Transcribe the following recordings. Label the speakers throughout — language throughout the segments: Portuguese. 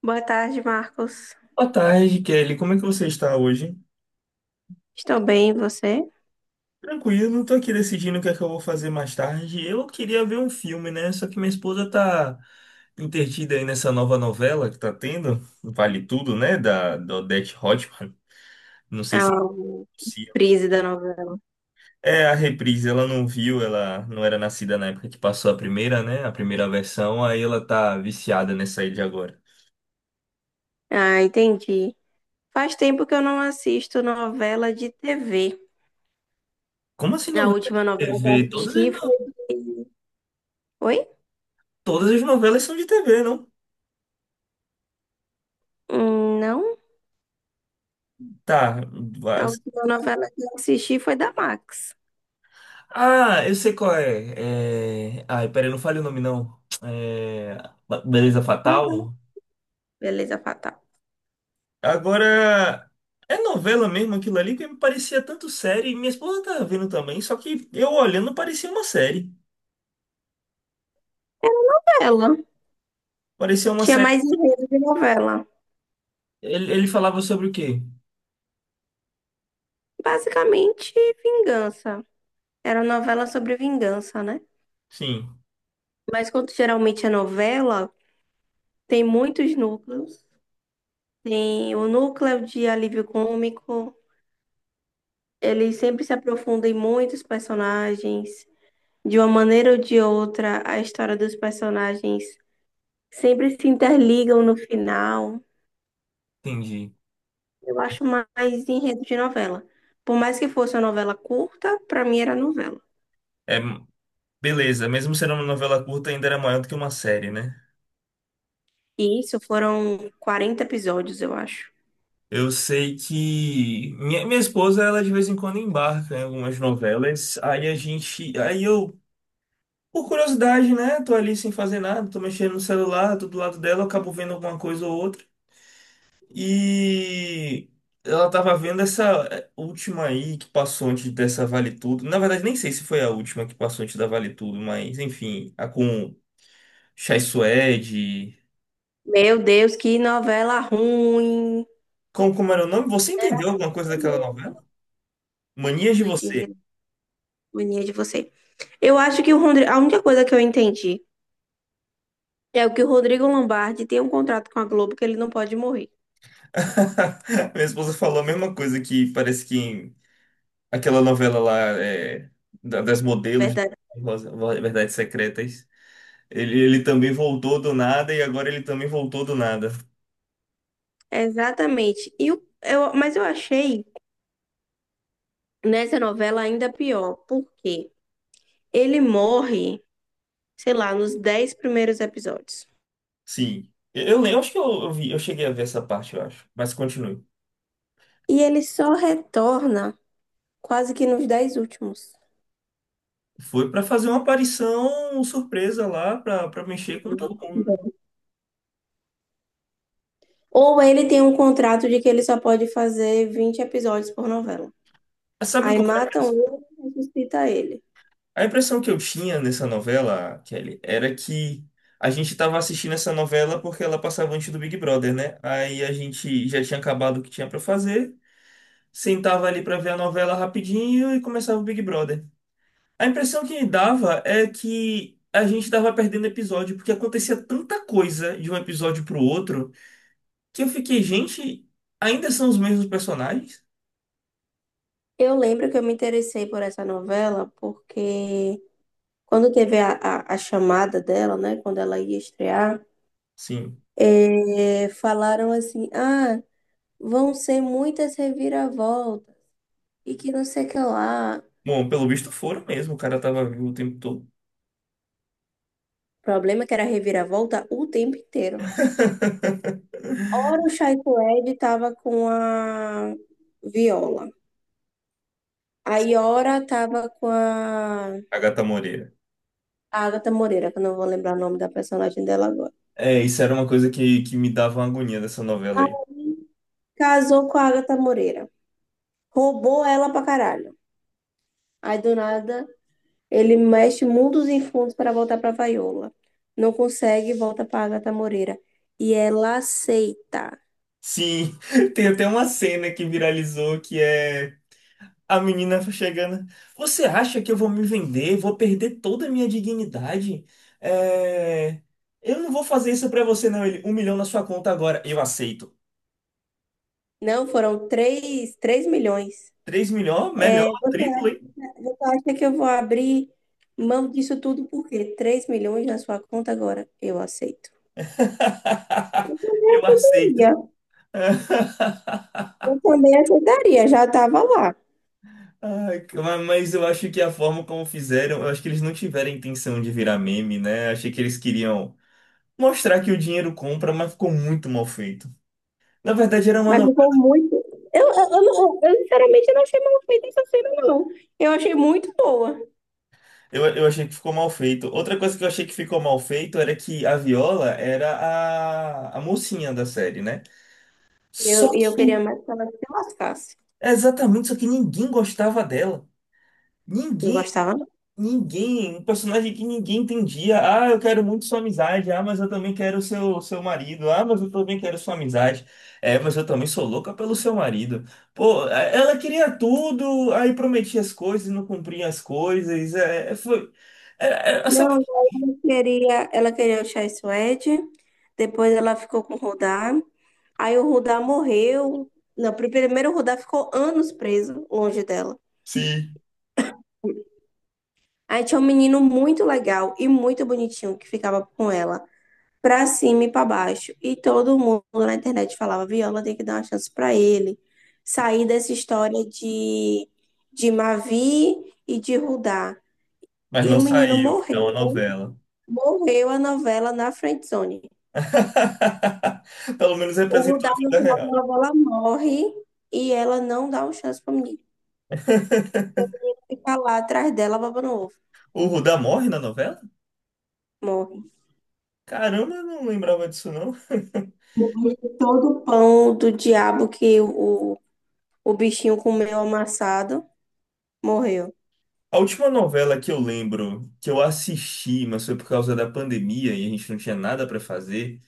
Speaker 1: Boa tarde, Marcos.
Speaker 2: Boa tarde, Kelly. Como é que você está hoje?
Speaker 1: Estou bem, e você?
Speaker 2: Tranquilo, não estou aqui decidindo o que é que eu vou fazer mais tarde. Eu queria ver um filme, né? Só que minha esposa tá entretida aí nessa nova novela que tá tendo, Vale Tudo, né? Da Odete Roitman. Não sei
Speaker 1: É
Speaker 2: se
Speaker 1: o
Speaker 2: pronuncia.
Speaker 1: Prise da novela.
Speaker 2: É a reprise, ela não viu, ela não era nascida na época que passou a primeira, né? A primeira versão, aí ela tá viciada nessa aí de agora.
Speaker 1: Ah, entendi. Faz tempo que eu não assisto novela de TV.
Speaker 2: Como assim
Speaker 1: A
Speaker 2: novela de
Speaker 1: última novela que eu
Speaker 2: TV? Todas as,
Speaker 1: assisti foi.
Speaker 2: no-
Speaker 1: de- Oi?
Speaker 2: Todas as novelas são de TV, não?
Speaker 1: Não.
Speaker 2: Tá.
Speaker 1: A última novela que eu assisti foi da Max.
Speaker 2: Ah, eu sei qual é. Ai, peraí, não fale o nome não. É... Beleza
Speaker 1: Fala.
Speaker 2: Fatal.
Speaker 1: Beleza Fatal.
Speaker 2: Agora, é novela mesmo aquilo ali que me parecia tanto série. Minha esposa tá vendo também, só que eu olhando parecia uma série.
Speaker 1: Ela
Speaker 2: Parecia uma
Speaker 1: tinha
Speaker 2: série.
Speaker 1: mais enredo de novela.
Speaker 2: Ele falava sobre o quê?
Speaker 1: Basicamente, vingança. Era novela sobre vingança, né?
Speaker 2: Sim,
Speaker 1: Mas quando geralmente é novela, tem muitos núcleos. Tem o núcleo de alívio cômico. Ele sempre se aprofunda em muitos personagens. De uma maneira ou de outra, a história dos personagens sempre se interligam no final.
Speaker 2: entendi.
Speaker 1: Eu acho mais enredo de novela. Por mais que fosse uma novela curta, pra mim era novela.
Speaker 2: É, beleza, mesmo sendo uma novela curta, ainda era maior do que uma série, né?
Speaker 1: E isso foram 40 episódios, eu acho.
Speaker 2: Eu sei que minha esposa, ela de vez em quando embarca em algumas novelas. Aí a gente. Aí eu. Por curiosidade, né? Tô ali sem fazer nada, tô mexendo no celular, tô do lado dela, acabo vendo alguma coisa ou outra. E ela tava vendo essa última aí que passou antes dessa Vale Tudo. Na verdade, nem sei se foi a última que passou antes da Vale Tudo, mas enfim, a com Chai Suede.
Speaker 1: Meu Deus, que novela ruim!
Speaker 2: Como era o nome? Você entendeu alguma coisa daquela novela? Manias de
Speaker 1: Não entendi a
Speaker 2: Você.
Speaker 1: mania de você. Eu acho que o a única coisa que eu entendi é o que o Rodrigo Lombardi tem um contrato com a Globo que ele não pode morrer.
Speaker 2: Minha esposa falou a mesma coisa, que parece que aquela novela lá das modelos,
Speaker 1: Verdade.
Speaker 2: Verdades Secretas. Ele também voltou do nada e agora ele também voltou do nada.
Speaker 1: Exatamente. Mas eu achei nessa novela ainda pior, porque ele morre, sei lá, nos 10 primeiros episódios.
Speaker 2: Sim. Eu lembro, acho que eu vi, eu cheguei a ver essa parte, eu acho. Mas continue.
Speaker 1: E ele só retorna quase que nos 10 últimos.
Speaker 2: Foi pra fazer uma aparição surpresa lá, pra pra mexer com todo mundo, né?
Speaker 1: Ou ele tem um contrato de que ele só pode fazer 20 episódios por novela.
Speaker 2: Mas sabe
Speaker 1: Aí
Speaker 2: qual foi a
Speaker 1: matam
Speaker 2: impressão?
Speaker 1: ele e ressuscita ele.
Speaker 2: A impressão que eu tinha nessa novela, Kelly, era que a gente tava assistindo essa novela porque ela passava antes do Big Brother, né? Aí a gente já tinha acabado o que tinha pra fazer, sentava ali pra ver a novela rapidinho e começava o Big Brother. A impressão que me dava é que a gente tava perdendo episódio, porque acontecia tanta coisa de um episódio pro outro, que eu fiquei, gente, ainda são os mesmos personagens?
Speaker 1: Eu lembro que eu me interessei por essa novela porque quando teve a chamada dela, né? Quando ela ia estrear,
Speaker 2: Sim.
Speaker 1: falaram assim: ah, vão ser muitas reviravoltas e que não sei o que lá.
Speaker 2: Bom, pelo visto foram mesmo, o cara tava vivo o tempo todo.
Speaker 1: O problema é que era reviravolta o tempo inteiro. Ora o Chaito Ed tava com a Viola. Aí ora tava com a
Speaker 2: Agatha Moreira.
Speaker 1: a Agatha Moreira, que eu não vou lembrar o nome da personagem dela agora.
Speaker 2: É, isso era uma coisa que me dava uma agonia dessa novela aí.
Speaker 1: Casou com a Agatha Moreira. Roubou ela pra caralho. Aí do nada. Ele mexe mundos e fundos para voltar para Vaiola. Não consegue, volta para Agatha Moreira. E ela aceita.
Speaker 2: Sim, tem até uma cena que viralizou que é a menina chegando. Você acha que eu vou me vender? Vou perder toda a minha dignidade? É, eu não vou fazer isso pra você, não. Ele, um milhão na sua conta agora. Eu aceito.
Speaker 1: Não, foram três milhões.
Speaker 2: Três milhões? Melhor,
Speaker 1: É,
Speaker 2: triplo, hein?
Speaker 1: você acha que eu vou abrir mão disso tudo por quê? 3 milhões na sua conta agora? Eu aceito. Eu
Speaker 2: Eu aceito.
Speaker 1: também, eu também aceitaria, já estava lá.
Speaker 2: Ai, cara, mas eu acho que a forma como fizeram, eu acho que eles não tiveram a intenção de virar meme, né? Achei que eles queriam mostrar que o dinheiro compra, mas ficou muito mal feito. Na verdade, era uma.
Speaker 1: Mas ficou muito. Eu, não- eu, sinceramente não achei mal feita essa cena, não. Eu achei muito boa.
Speaker 2: Eu achei que ficou mal feito. Outra coisa que eu achei que ficou mal feito era que a Viola era a mocinha da série, né? Só
Speaker 1: E eu queria
Speaker 2: que,
Speaker 1: mais que ela se lascasse.
Speaker 2: exatamente, só que ninguém gostava dela.
Speaker 1: Não
Speaker 2: Ninguém,
Speaker 1: gostava, não.
Speaker 2: um personagem que ninguém entendia. Ah, eu quero muito sua amizade. Ah, mas eu também quero seu marido. Ah, mas eu também quero sua amizade. É, mas eu também sou louca pelo seu marido. Pô, é, ela queria tudo, aí prometia as coisas, não cumpria as coisas.
Speaker 1: Não,
Speaker 2: Sabe?
Speaker 1: ela queria o Chai Suede, depois ela ficou com o Rudá, aí o Rudá morreu. Não, primeiro o Rudá ficou anos preso, longe dela.
Speaker 2: Sim.
Speaker 1: Aí tinha um menino muito legal e muito bonitinho que ficava com ela, pra cima e pra baixo. E todo mundo na internet falava: Viola tem que dar uma chance pra ele, sair dessa história de Mavi e de Rudá.
Speaker 2: Mas
Speaker 1: E
Speaker 2: não
Speaker 1: o menino
Speaker 2: saiu, é uma
Speaker 1: morreu,
Speaker 2: novela.
Speaker 1: morreu a novela na friendzone.
Speaker 2: Pelo menos
Speaker 1: O
Speaker 2: representou a
Speaker 1: Dal, no
Speaker 2: vida
Speaker 1: final da
Speaker 2: real.
Speaker 1: novela, morre e ela não dá uma chance pro menino ficar lá atrás dela babando ovo.
Speaker 2: O Rudá morre na novela?
Speaker 1: Morre.
Speaker 2: Caramba, eu não lembrava disso não.
Speaker 1: Depois de todo o pão do diabo que o bichinho comeu amassado, morreu.
Speaker 2: A última novela que eu lembro, que eu assisti, mas foi por causa da pandemia e a gente não tinha nada pra fazer,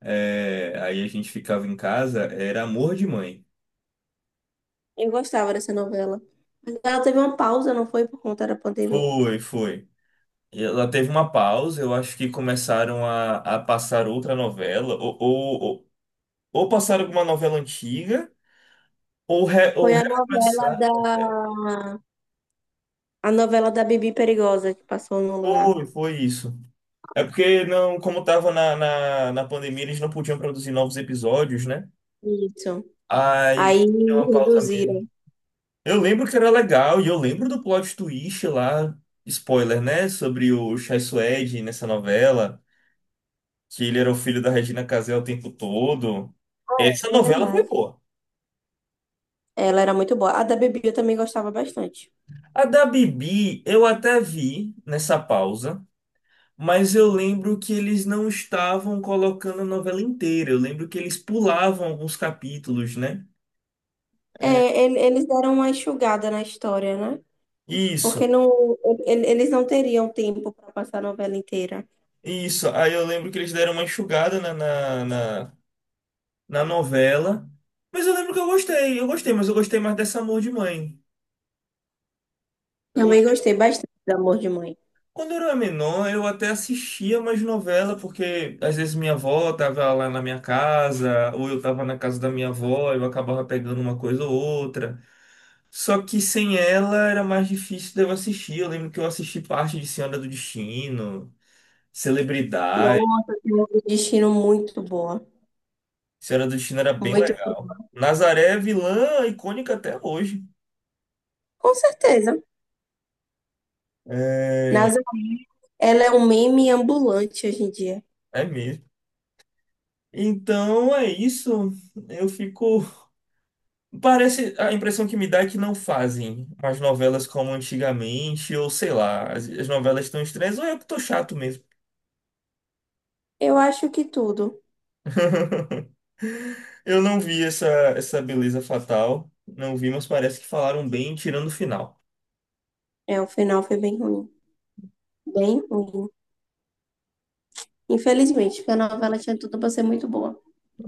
Speaker 2: aí a gente ficava em casa, era Amor de Mãe.
Speaker 1: Eu gostava dessa novela. Mas ela teve uma pausa, não foi por conta da pandemia.
Speaker 2: Foi, foi. E ela teve uma pausa, eu acho que começaram a passar outra novela, ou passaram alguma novela antiga. Ou
Speaker 1: Foi a novela
Speaker 2: recomeçar.
Speaker 1: da...
Speaker 2: Não, pera.
Speaker 1: A novela da Bibi Perigosa que passou no lugar.
Speaker 2: Foi, foi isso. É porque não, como estava na pandemia, eles não podiam produzir novos episódios, né?
Speaker 1: Isso.
Speaker 2: Aí
Speaker 1: Aí
Speaker 2: deu uma pausa mesmo.
Speaker 1: reduziram.
Speaker 2: Eu lembro que era legal, e eu lembro do plot twist lá, spoiler, né? Sobre o Chai Suede nessa novela, que ele era o filho da Regina Casé o tempo todo. Essa
Speaker 1: É
Speaker 2: novela foi
Speaker 1: verdade.
Speaker 2: boa.
Speaker 1: Ela era muito boa. A da Bibi eu também gostava bastante.
Speaker 2: A da Bibi, eu até vi nessa pausa. Mas eu lembro que eles não estavam colocando a novela inteira. Eu lembro que eles pulavam alguns capítulos, né? É.
Speaker 1: É, eles deram uma enxugada na história, né? Porque
Speaker 2: Isso,
Speaker 1: não, eles não teriam tempo para passar a novela inteira.
Speaker 2: isso. Aí eu lembro que eles deram uma enxugada na novela. Mas eu lembro que eu gostei, mas eu gostei mais dessa Amor de Mãe. Eu
Speaker 1: Também
Speaker 2: gostei.
Speaker 1: gostei bastante do Amor de Mãe.
Speaker 2: Quando eu era menor, eu até assistia mais novela, porque às vezes minha avó tava lá na minha casa, ou eu tava na casa da minha avó, eu acabava pegando uma coisa ou outra. Só que sem ela era mais difícil de eu assistir. Eu lembro que eu assisti parte de Senhora do Destino, Celebridade.
Speaker 1: Nossa, tem um destino muito boa.
Speaker 2: Senhora do Destino era bem
Speaker 1: Muito
Speaker 2: legal.
Speaker 1: boa.
Speaker 2: Nazaré é vilã icônica até hoje.
Speaker 1: Com certeza.
Speaker 2: É,
Speaker 1: Nasa, ela é um meme ambulante hoje em dia.
Speaker 2: é mesmo. Então é isso. Eu fico. Parece. A impressão que me dá é que não fazem as novelas como antigamente, ou sei lá, as novelas estão estranhas, ou eu que tô chato mesmo.
Speaker 1: Eu acho que tudo.
Speaker 2: Eu não vi essa beleza fatal. Não vi, mas parece que falaram bem tirando o final.
Speaker 1: É, o final foi bem ruim. Bem ruim. Infelizmente, porque a novela tinha tudo para ser muito boa.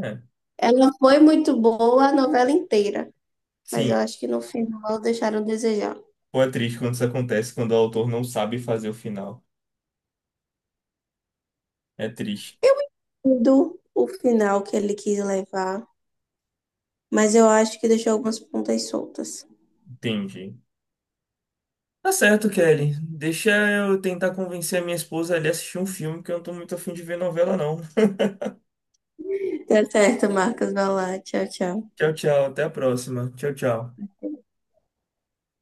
Speaker 2: É.
Speaker 1: Ela foi muito boa a novela inteira. Mas
Speaker 2: Sim,
Speaker 1: eu acho que no final deixaram a desejar.
Speaker 2: pô, é triste quando isso acontece, quando o autor não sabe fazer o final. É triste.
Speaker 1: Do o final que ele quis levar, mas eu acho que deixou algumas pontas soltas.
Speaker 2: Entendi. Tá certo, Kelly. Deixa eu tentar convencer a minha esposa a ali assistir um filme, que eu não tô muito afim de ver novela, não.
Speaker 1: Tá certo, Marcos. Vai lá. Tchau, tchau.
Speaker 2: Tchau, tchau. Até a próxima. Tchau, tchau.